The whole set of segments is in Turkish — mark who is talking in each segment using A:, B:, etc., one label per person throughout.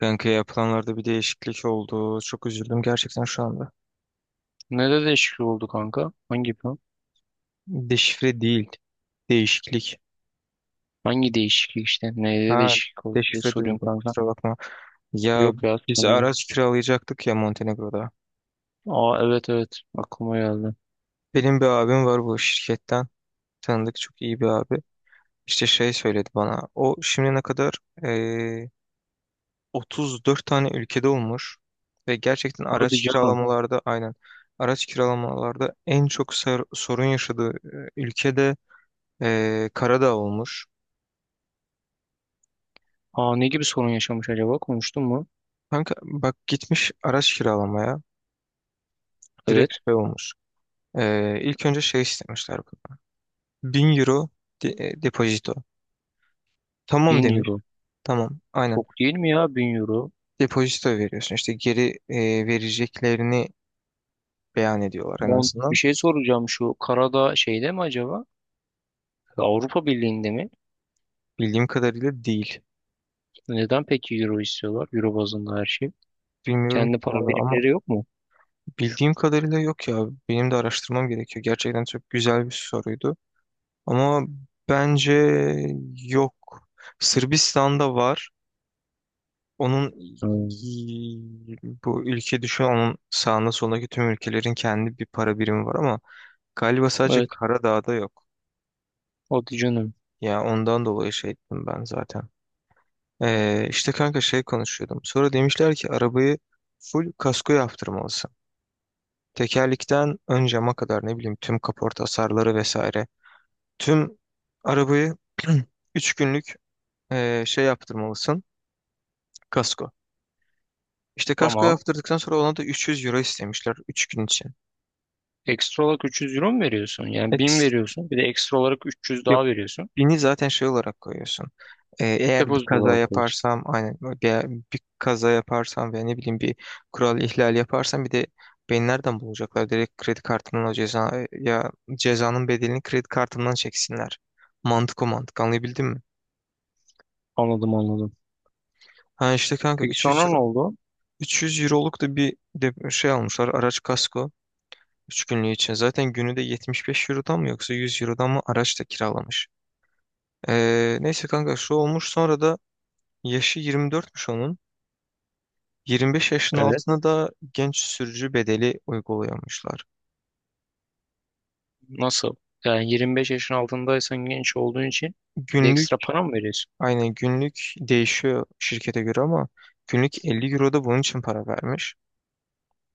A: Kanka yapılanlarda bir değişiklik oldu. Çok üzüldüm gerçekten şu anda.
B: Nede değişiklik oldu kanka? Hangi plan?
A: Deşifre değil. Değişiklik.
B: Hangi değişiklik işte? Neyde
A: Ha,
B: değişiklik oldu diye
A: deşifre
B: soruyorum
A: duydum,
B: kanka.
A: kusura bakma. Ya
B: Yok ya
A: biz
B: sanırım.
A: araç kiralayacaktık ya Montenegro'da.
B: Aa, evet evet, aklıma geldi.
A: Benim bir abim var bu şirketten. Tanıdık, çok iyi bir abi. İşte şey söyledi bana. O şimdiye kadar eee, 34 tane ülkede olmuş. Ve gerçekten
B: Hadi
A: araç
B: canım.
A: kiralamalarda aynen. Araç kiralamalarda en çok sorun yaşadığı ülkede Karadağ olmuş.
B: Aa, ne gibi sorun yaşamış acaba? Konuştun mu?
A: Kanka bak, gitmiş araç kiralamaya, direkt
B: Evet.
A: şey olmuş. İlk önce şey istemişler bana. 1.000 € depozito. Tamam
B: Bin
A: demiş.
B: euro.
A: Tamam, aynen.
B: Çok değil mi ya 1.000 euro?
A: Depozito veriyorsun. İşte geri vereceklerini beyan ediyorlar en
B: Mont, bir
A: azından.
B: şey soracağım, şu Karadağ şeyde mi acaba? Avrupa Birliği'nde mi?
A: Bildiğim kadarıyla değil.
B: Neden peki euro istiyorlar? Euro bazında her şey.
A: Bilmiyorum ki
B: Kendi para
A: valla ama
B: birimleri yok mu?
A: bildiğim kadarıyla yok ya. Benim de araştırmam gerekiyor. Gerçekten çok güzel bir soruydu. Ama bence yok. Sırbistan'da var. Onun,
B: Hmm.
A: bu ülke düşün, onun sağında solundaki tüm ülkelerin kendi bir para birimi var ama galiba sadece
B: Evet.
A: Karadağ'da yok.
B: Hadi canım.
A: Ya ondan dolayı şey ettim ben zaten. İşte kanka şey konuşuyordum. Sonra demişler ki arabayı full kasko yaptırmalısın. Tekerlikten ön cama kadar, ne bileyim, tüm kaporta hasarları vesaire. Tüm arabayı 3 günlük şey yaptırmalısın. Kasko. İşte kasko
B: Tamam.
A: yaptırdıktan sonra ona da 300 € istemişler 3 gün için.
B: Ekstra olarak 300 euro mu veriyorsun? Yani 1.000
A: Peki.
B: veriyorsun. Bir de ekstra olarak 300
A: Yok,
B: daha veriyorsun.
A: 1.000'i zaten şey olarak koyuyorsun. Eğer bir
B: Depozito
A: kaza
B: olarak veriyorsun.
A: yaparsam aynen bir kaza yaparsam veya ne bileyim bir kural ihlali yaparsam, bir de beni nereden bulacaklar? Direkt kredi kartımdan o ceza ya cezanın bedelini kredi kartımdan çeksinler. Mantık o mantık, anlayabildin mi?
B: Anladım anladım.
A: Ha, işte kanka
B: Peki
A: 300
B: sonra
A: euro
B: ne oldu?
A: 300 euroluk da bir de şey almışlar, araç kasko 3 günlüğü için. Zaten günü de 75 eurodan mı yoksa 100 eurodan mı araç da kiralamış. Neyse kanka, şu olmuş sonra da. Yaşı 24'müş onun. 25 yaşın
B: Evet.
A: altına da genç sürücü bedeli uyguluyormuşlar.
B: Nasıl? Yani 25 yaşın altındaysan genç olduğun için bir de
A: Günlük,
B: ekstra para mı veriyorsun?
A: aynen günlük değişiyor şirkete göre ama günlük 50 € da bunun için para vermiş.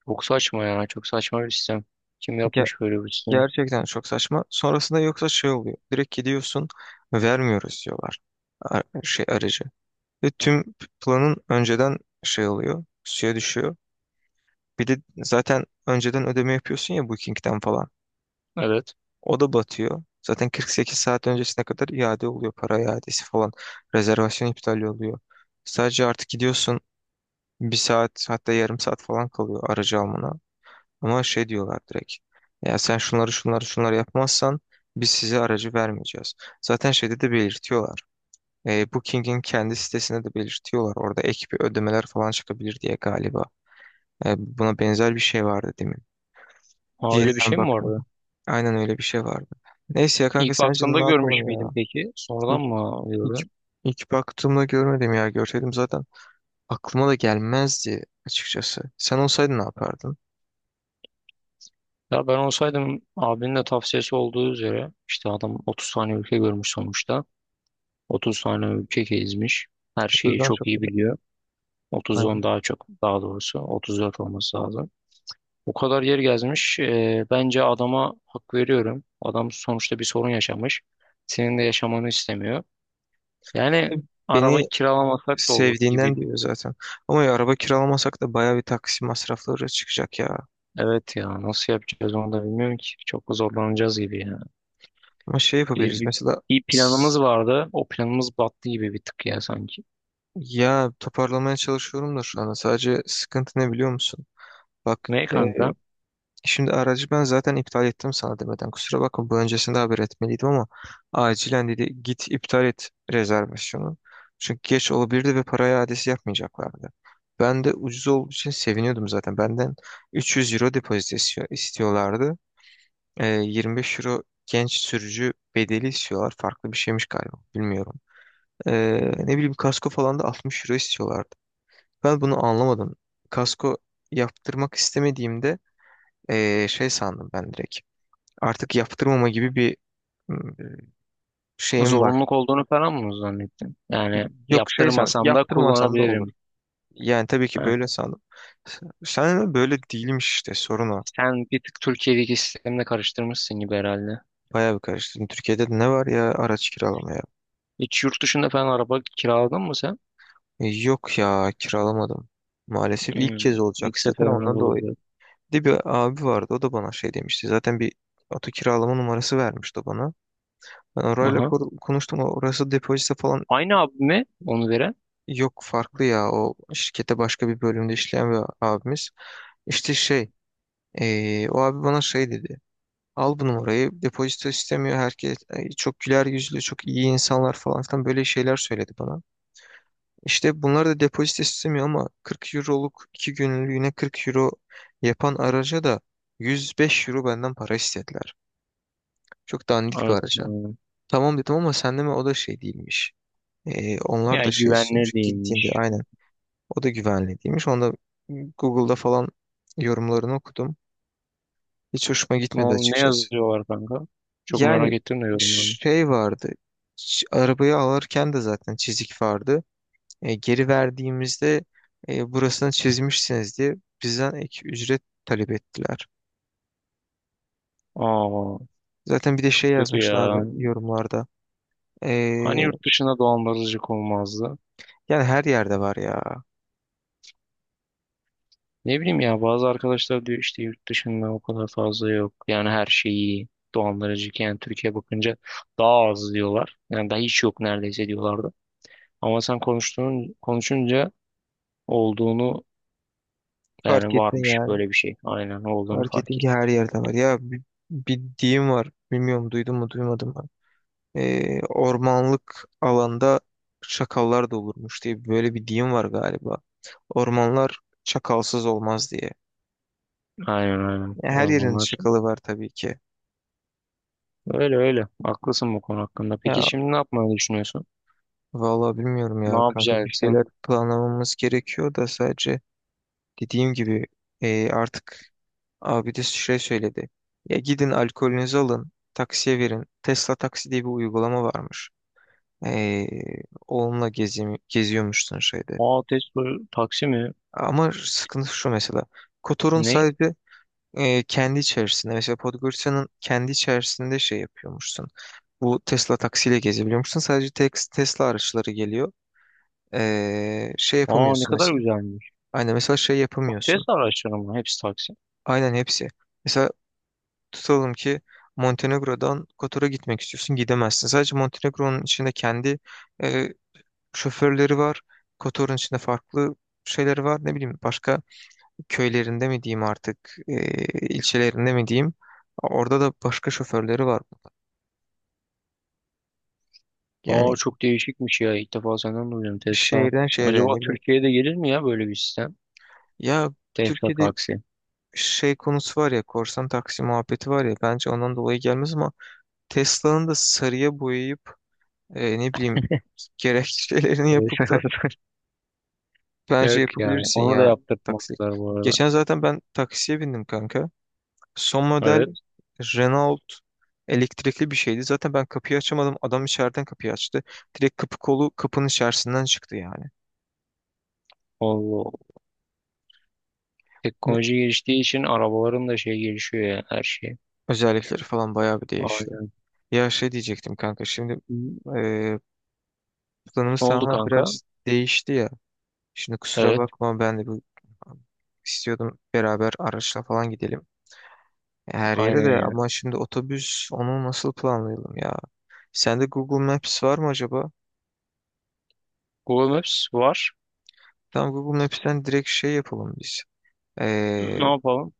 B: Çok saçma ya. Çok saçma bir sistem. Kim
A: Ge-
B: yapmış böyle bir sistemi?
A: Gerçekten çok saçma. Sonrasında yoksa şey oluyor. Direkt gidiyorsun, vermiyoruz diyorlar şey aracı. Ve tüm planın önceden şey oluyor, suya düşüyor. Bir de zaten önceden ödeme yapıyorsun ya Booking'den falan.
B: Evet.
A: O da batıyor. Zaten 48 saat öncesine kadar iade oluyor. Para iadesi falan. Rezervasyon iptali oluyor. Sadece artık gidiyorsun, bir saat hatta yarım saat falan kalıyor aracı almana. Ama şey diyorlar direkt. Ya sen şunları şunları şunları yapmazsan biz size aracı vermeyeceğiz. Zaten şeyde de belirtiyorlar. Booking'in kendi sitesinde de belirtiyorlar. Orada ek bir ödemeler falan çıkabilir diye galiba. Buna benzer bir şey vardı demin.
B: Ha, öyle bir
A: Yeniden
B: şey mi
A: baktım.
B: vardı?
A: Aynen öyle bir şey vardı. Neyse ya kanka,
B: İlk
A: sence
B: baktığımda
A: ne yapalım
B: görmüş
A: ya?
B: müydüm peki? Sonradan
A: İlk,
B: mı
A: ilk,
B: gördün?
A: ilk baktığımda görmedim ya. Görseydim zaten aklıma da gelmezdi açıkçası. Sen olsaydın ne yapardın?
B: Ya ben olsaydım, abinin de tavsiyesi olduğu üzere, işte adam 30 tane ülke görmüş sonuçta. 30 tane ülke gezmiş. Her şeyi
A: 30'dan çok
B: çok iyi
A: güzel.
B: biliyor.
A: Aynen.
B: 30'dan daha çok, daha doğrusu 34 olması lazım. O kadar yer gezmiş. Bence adama hak veriyorum. Adam sonuçta bir sorun yaşamış. Senin de yaşamanı istemiyor. Yani araba
A: Beni
B: kiralamasak da olur
A: sevdiğinden
B: gibi.
A: diyor zaten. Ama ya araba kiralamasak da bayağı bir taksi masrafları çıkacak ya.
B: Evet ya, nasıl yapacağız onu da bilmiyorum ki. Çok zorlanacağız gibi ya.
A: Ama şey
B: Bir,
A: yapabiliriz
B: bir,
A: mesela.
B: bir planımız
A: s-
B: vardı. O planımız battı gibi bir tık ya sanki.
A: Ya toparlamaya çalışıyorum da şu anda, sadece sıkıntı ne biliyor musun? Bak,
B: Ne kanka?
A: şimdi aracı ben zaten iptal ettim sana demeden. Kusura bakma, bu öncesinde haber etmeliydim ama acilen dedi git iptal et rezervasyonu. Çünkü geç olabilirdi ve para iadesi yapmayacaklardı. Ben de ucuz olduğu için seviniyordum zaten. Benden 300 € istiyorlardı. 25 € genç sürücü bedeli istiyorlar. Farklı bir şeymiş galiba. Bilmiyorum. Ne bileyim kasko falan da 60 € istiyorlardı. Ben bunu anlamadım. Kasko yaptırmak istemediğimde şey sandım ben direkt. Artık yaptırmama gibi bir ım, şeyim var.
B: Zorunluluk olduğunu falan mı zannettin? Yani
A: Yok, şey san,
B: yaptırmasam da
A: yaptırmasam da olur.
B: kullanabilirim.
A: Yani tabii ki
B: Ha,
A: böyle sandım. S- Sen de böyle değilmiş, işte sorun o.
B: sen bir tık Türkiye'deki sistemle karıştırmışsın gibi herhalde.
A: Bayağı bir karıştırdım. Türkiye'de de ne var ya araç kiralamaya?
B: Hiç yurt dışında falan araba kiraladın mı sen?
A: Yok ya, kiralamadım. Maalesef ilk kez
B: Hmm, ilk
A: olacaktı zaten
B: seferimiz
A: ondan dolayı.
B: oldu.
A: Bir de bir abi vardı, o da bana şey demişti. Zaten bir oto kiralama numarası vermişti o bana. Ben orayla
B: Aha.
A: konuştum. Orası depozito falan
B: Aynı abi mi onu veren?
A: yok, farklı ya. O şirkette başka bir bölümde işleyen bir abimiz. İşte şey, o abi bana şey dedi. Al bu numarayı. Depozito istemiyor. Herkes, çok güler yüzlü, çok iyi insanlar falan filan, böyle şeyler söyledi bana. İşte bunlar da depozito istemiyor ama 40 euroluk, 2 günlüğüne 40 € yapan araca da 105 € benden para istediler. Çok dandik bir
B: Evet. Ya.
A: araca. Tamam dedim ama sen deme, o da şey değilmiş. Onlar da
B: Yani
A: şey
B: güvenilir
A: istiyormuş gittiğinde,
B: değilmiş.
A: aynen. O da güvenli değilmiş. Onda Google'da falan yorumlarını okudum. Hiç hoşuma gitmedi
B: Ne
A: açıkçası.
B: yazıyorlar kanka? Çok merak
A: Yani
B: ettim de yorumlarını.
A: şey vardı. Arabayı alırken de zaten çizik vardı. Geri verdiğimizde burasını çizmişsiniz diye bizden ek ücret talep ettiler.
B: Aa,
A: Zaten bir de şey
B: çok kötü ya.
A: yazmışlardı yorumlarda. E,
B: Hani yurt dışında dolandırıcılık olmazdı?
A: Yani her yerde var ya.
B: Ne bileyim ya, bazı arkadaşlar diyor işte yurt dışında o kadar fazla yok. Yani her şeyi dolandırıcı, yani Türkiye bakınca daha az diyorlar. Yani daha hiç yok neredeyse diyorlardı. Ama sen konuştuğun konuşunca olduğunu,
A: Fark
B: yani
A: ettin
B: varmış
A: yani.
B: böyle bir şey. Aynen olduğunu
A: Fark ettin
B: fark
A: ki
B: ettim.
A: her yerde var. Bir deyim var. Bilmiyorum, duydun mu duymadın mı, ormanlık alanda çakallar da olurmuş diye böyle bir deyim var galiba. Ormanlar çakalsız olmaz diye.
B: Aynen aynen,
A: Ya her yerin
B: ormanlar.
A: çakalı var tabii ki.
B: Öyle öyle. Haklısın bu konu hakkında. Peki
A: Ya
B: şimdi ne yapmayı düşünüyorsun?
A: vallahi bilmiyorum
B: Ne
A: ya kanka, bir
B: yapacaksın?
A: şeyler planlamamız gerekiyor da sadece dediğim gibi, artık abi de şey söyledi. Ya gidin alkolünüzü alın, taksiye verin. Tesla Taksi diye bir uygulama varmış. E, Onunla gezi geziyormuşsun şeyde.
B: Aa, Tesla taksi mi?
A: Ama sıkıntı şu mesela. Kotor'un
B: Ne?
A: sahibi, kendi içerisinde, mesela Podgorica'nın kendi içerisinde şey yapıyormuşsun. Bu Tesla taksiyle gezebiliyormuşsun. Sadece tek Tesla araçları geliyor. Şey
B: Aa, ne
A: yapamıyorsun
B: kadar
A: mesela.
B: güzelmiş.
A: Aynen, mesela şey
B: Çok
A: yapamıyorsun.
B: Tesla araçları mı? Hepsi taksi.
A: Aynen hepsi. Mesela tutalım ki Montenegro'dan Kotor'a gitmek istiyorsun. Gidemezsin. Sadece Montenegro'nun içinde kendi e, şoförleri var. Kotor'un içinde farklı şeyleri var. Ne bileyim, başka köylerinde mi diyeyim artık, ilçelerinde mi diyeyim, orada da başka şoförleri var.
B: Aa,
A: Yani
B: çok değişikmiş ya. İlk defa senden duydum Tesla.
A: şehirden şehre,
B: Acaba
A: ne bileyim.
B: Türkiye'de gelir mi ya böyle bir sistem?
A: Ya
B: Tesla
A: Türkiye'de
B: taksi.
A: şey konusu var ya, korsan taksi muhabbeti var ya, bence ondan dolayı gelmez ama Tesla'nın da sarıya boyayıp, ne bileyim, gerekçelerini yapıp da
B: Evet.
A: bence
B: Yok yani.
A: yapabilirsin
B: Onu da
A: ya taksilik.
B: yaptırtmadılar bu arada.
A: Geçen zaten ben taksiye bindim kanka. Son model
B: Evet.
A: Renault elektrikli bir şeydi. Zaten ben kapıyı açamadım. Adam içeriden kapıyı açtı. Direkt kapı kolu kapının içerisinden çıktı yani.
B: Allah Allah.
A: Ne-
B: Teknoloji geliştiği için arabaların da şey gelişiyor ya, her şey.
A: Özellikleri falan bayağı bir değişiyor.
B: Aynen.
A: Ya şey diyecektim kanka, şimdi e, planımız
B: Ne oldu
A: tamamen
B: kanka?
A: biraz değişti ya. Şimdi kusura
B: Evet.
A: bakma, ben de bu istiyordum, beraber araçla falan gidelim her yere
B: Aynen
A: de,
B: ya.
A: ama şimdi otobüs, onu nasıl planlayalım ya? Sende Google Maps var mı acaba?
B: Google Maps var.
A: Tam Google Maps'ten direkt şey yapalım biz. Ee,
B: Ne yapalım?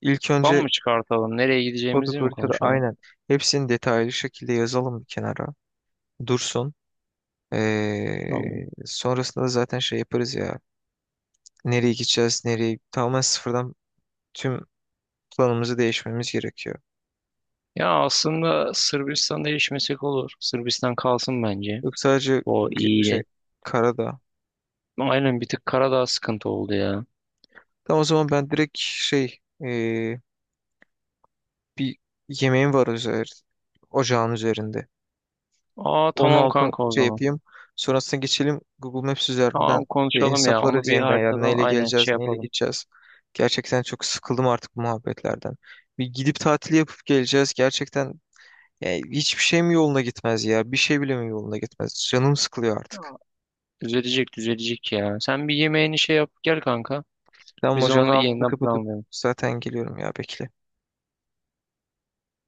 A: ilk
B: Plan
A: önce
B: mı çıkartalım? Nereye
A: koduk,
B: gideceğimizi mi konuşalım?
A: aynen, hepsini detaylı şekilde yazalım bir kenara. Dursun.
B: Tamam.
A: Sonrasında da zaten şey yaparız ya. Nereye gideceğiz, nereye, tamamen sıfırdan tüm planımızı değişmemiz gerekiyor.
B: Ya aslında Sırbistan'da değişmesek olur. Sırbistan kalsın bence.
A: Yok sadece
B: O
A: şey,
B: iyi.
A: karada.
B: Aynen, bir tık Karadağ sıkıntı oldu ya.
A: Tamam, o zaman ben direkt şey, ee, bir yemeğim var ocağın üzerinde.
B: Aa,
A: Onun
B: tamam
A: altını
B: kanka, o
A: şey
B: zaman.
A: yapayım. Sonrasında geçelim Google Maps üzerinden
B: Tamam,
A: bir
B: konuşalım ya. Onu
A: hesaplarız
B: bir
A: yeniden. Yani
B: haritadan
A: neyle
B: aynen şey
A: geleceğiz, neyle
B: yapalım.
A: gideceğiz. Gerçekten çok sıkıldım artık bu muhabbetlerden. Bir gidip tatil yapıp geleceğiz. Gerçekten yani hiçbir şey mi yoluna gitmez ya? Bir şey bile mi yoluna gitmez? Canım sıkılıyor
B: Ya,
A: artık.
B: düzelecek düzelecek ya. Sen bir yemeğini şey yap gel kanka.
A: Tamam,
B: Biz
A: hocanın
B: onu
A: altını
B: yeniden
A: kapatıp
B: planlayalım.
A: zaten geliyorum ya, bekle.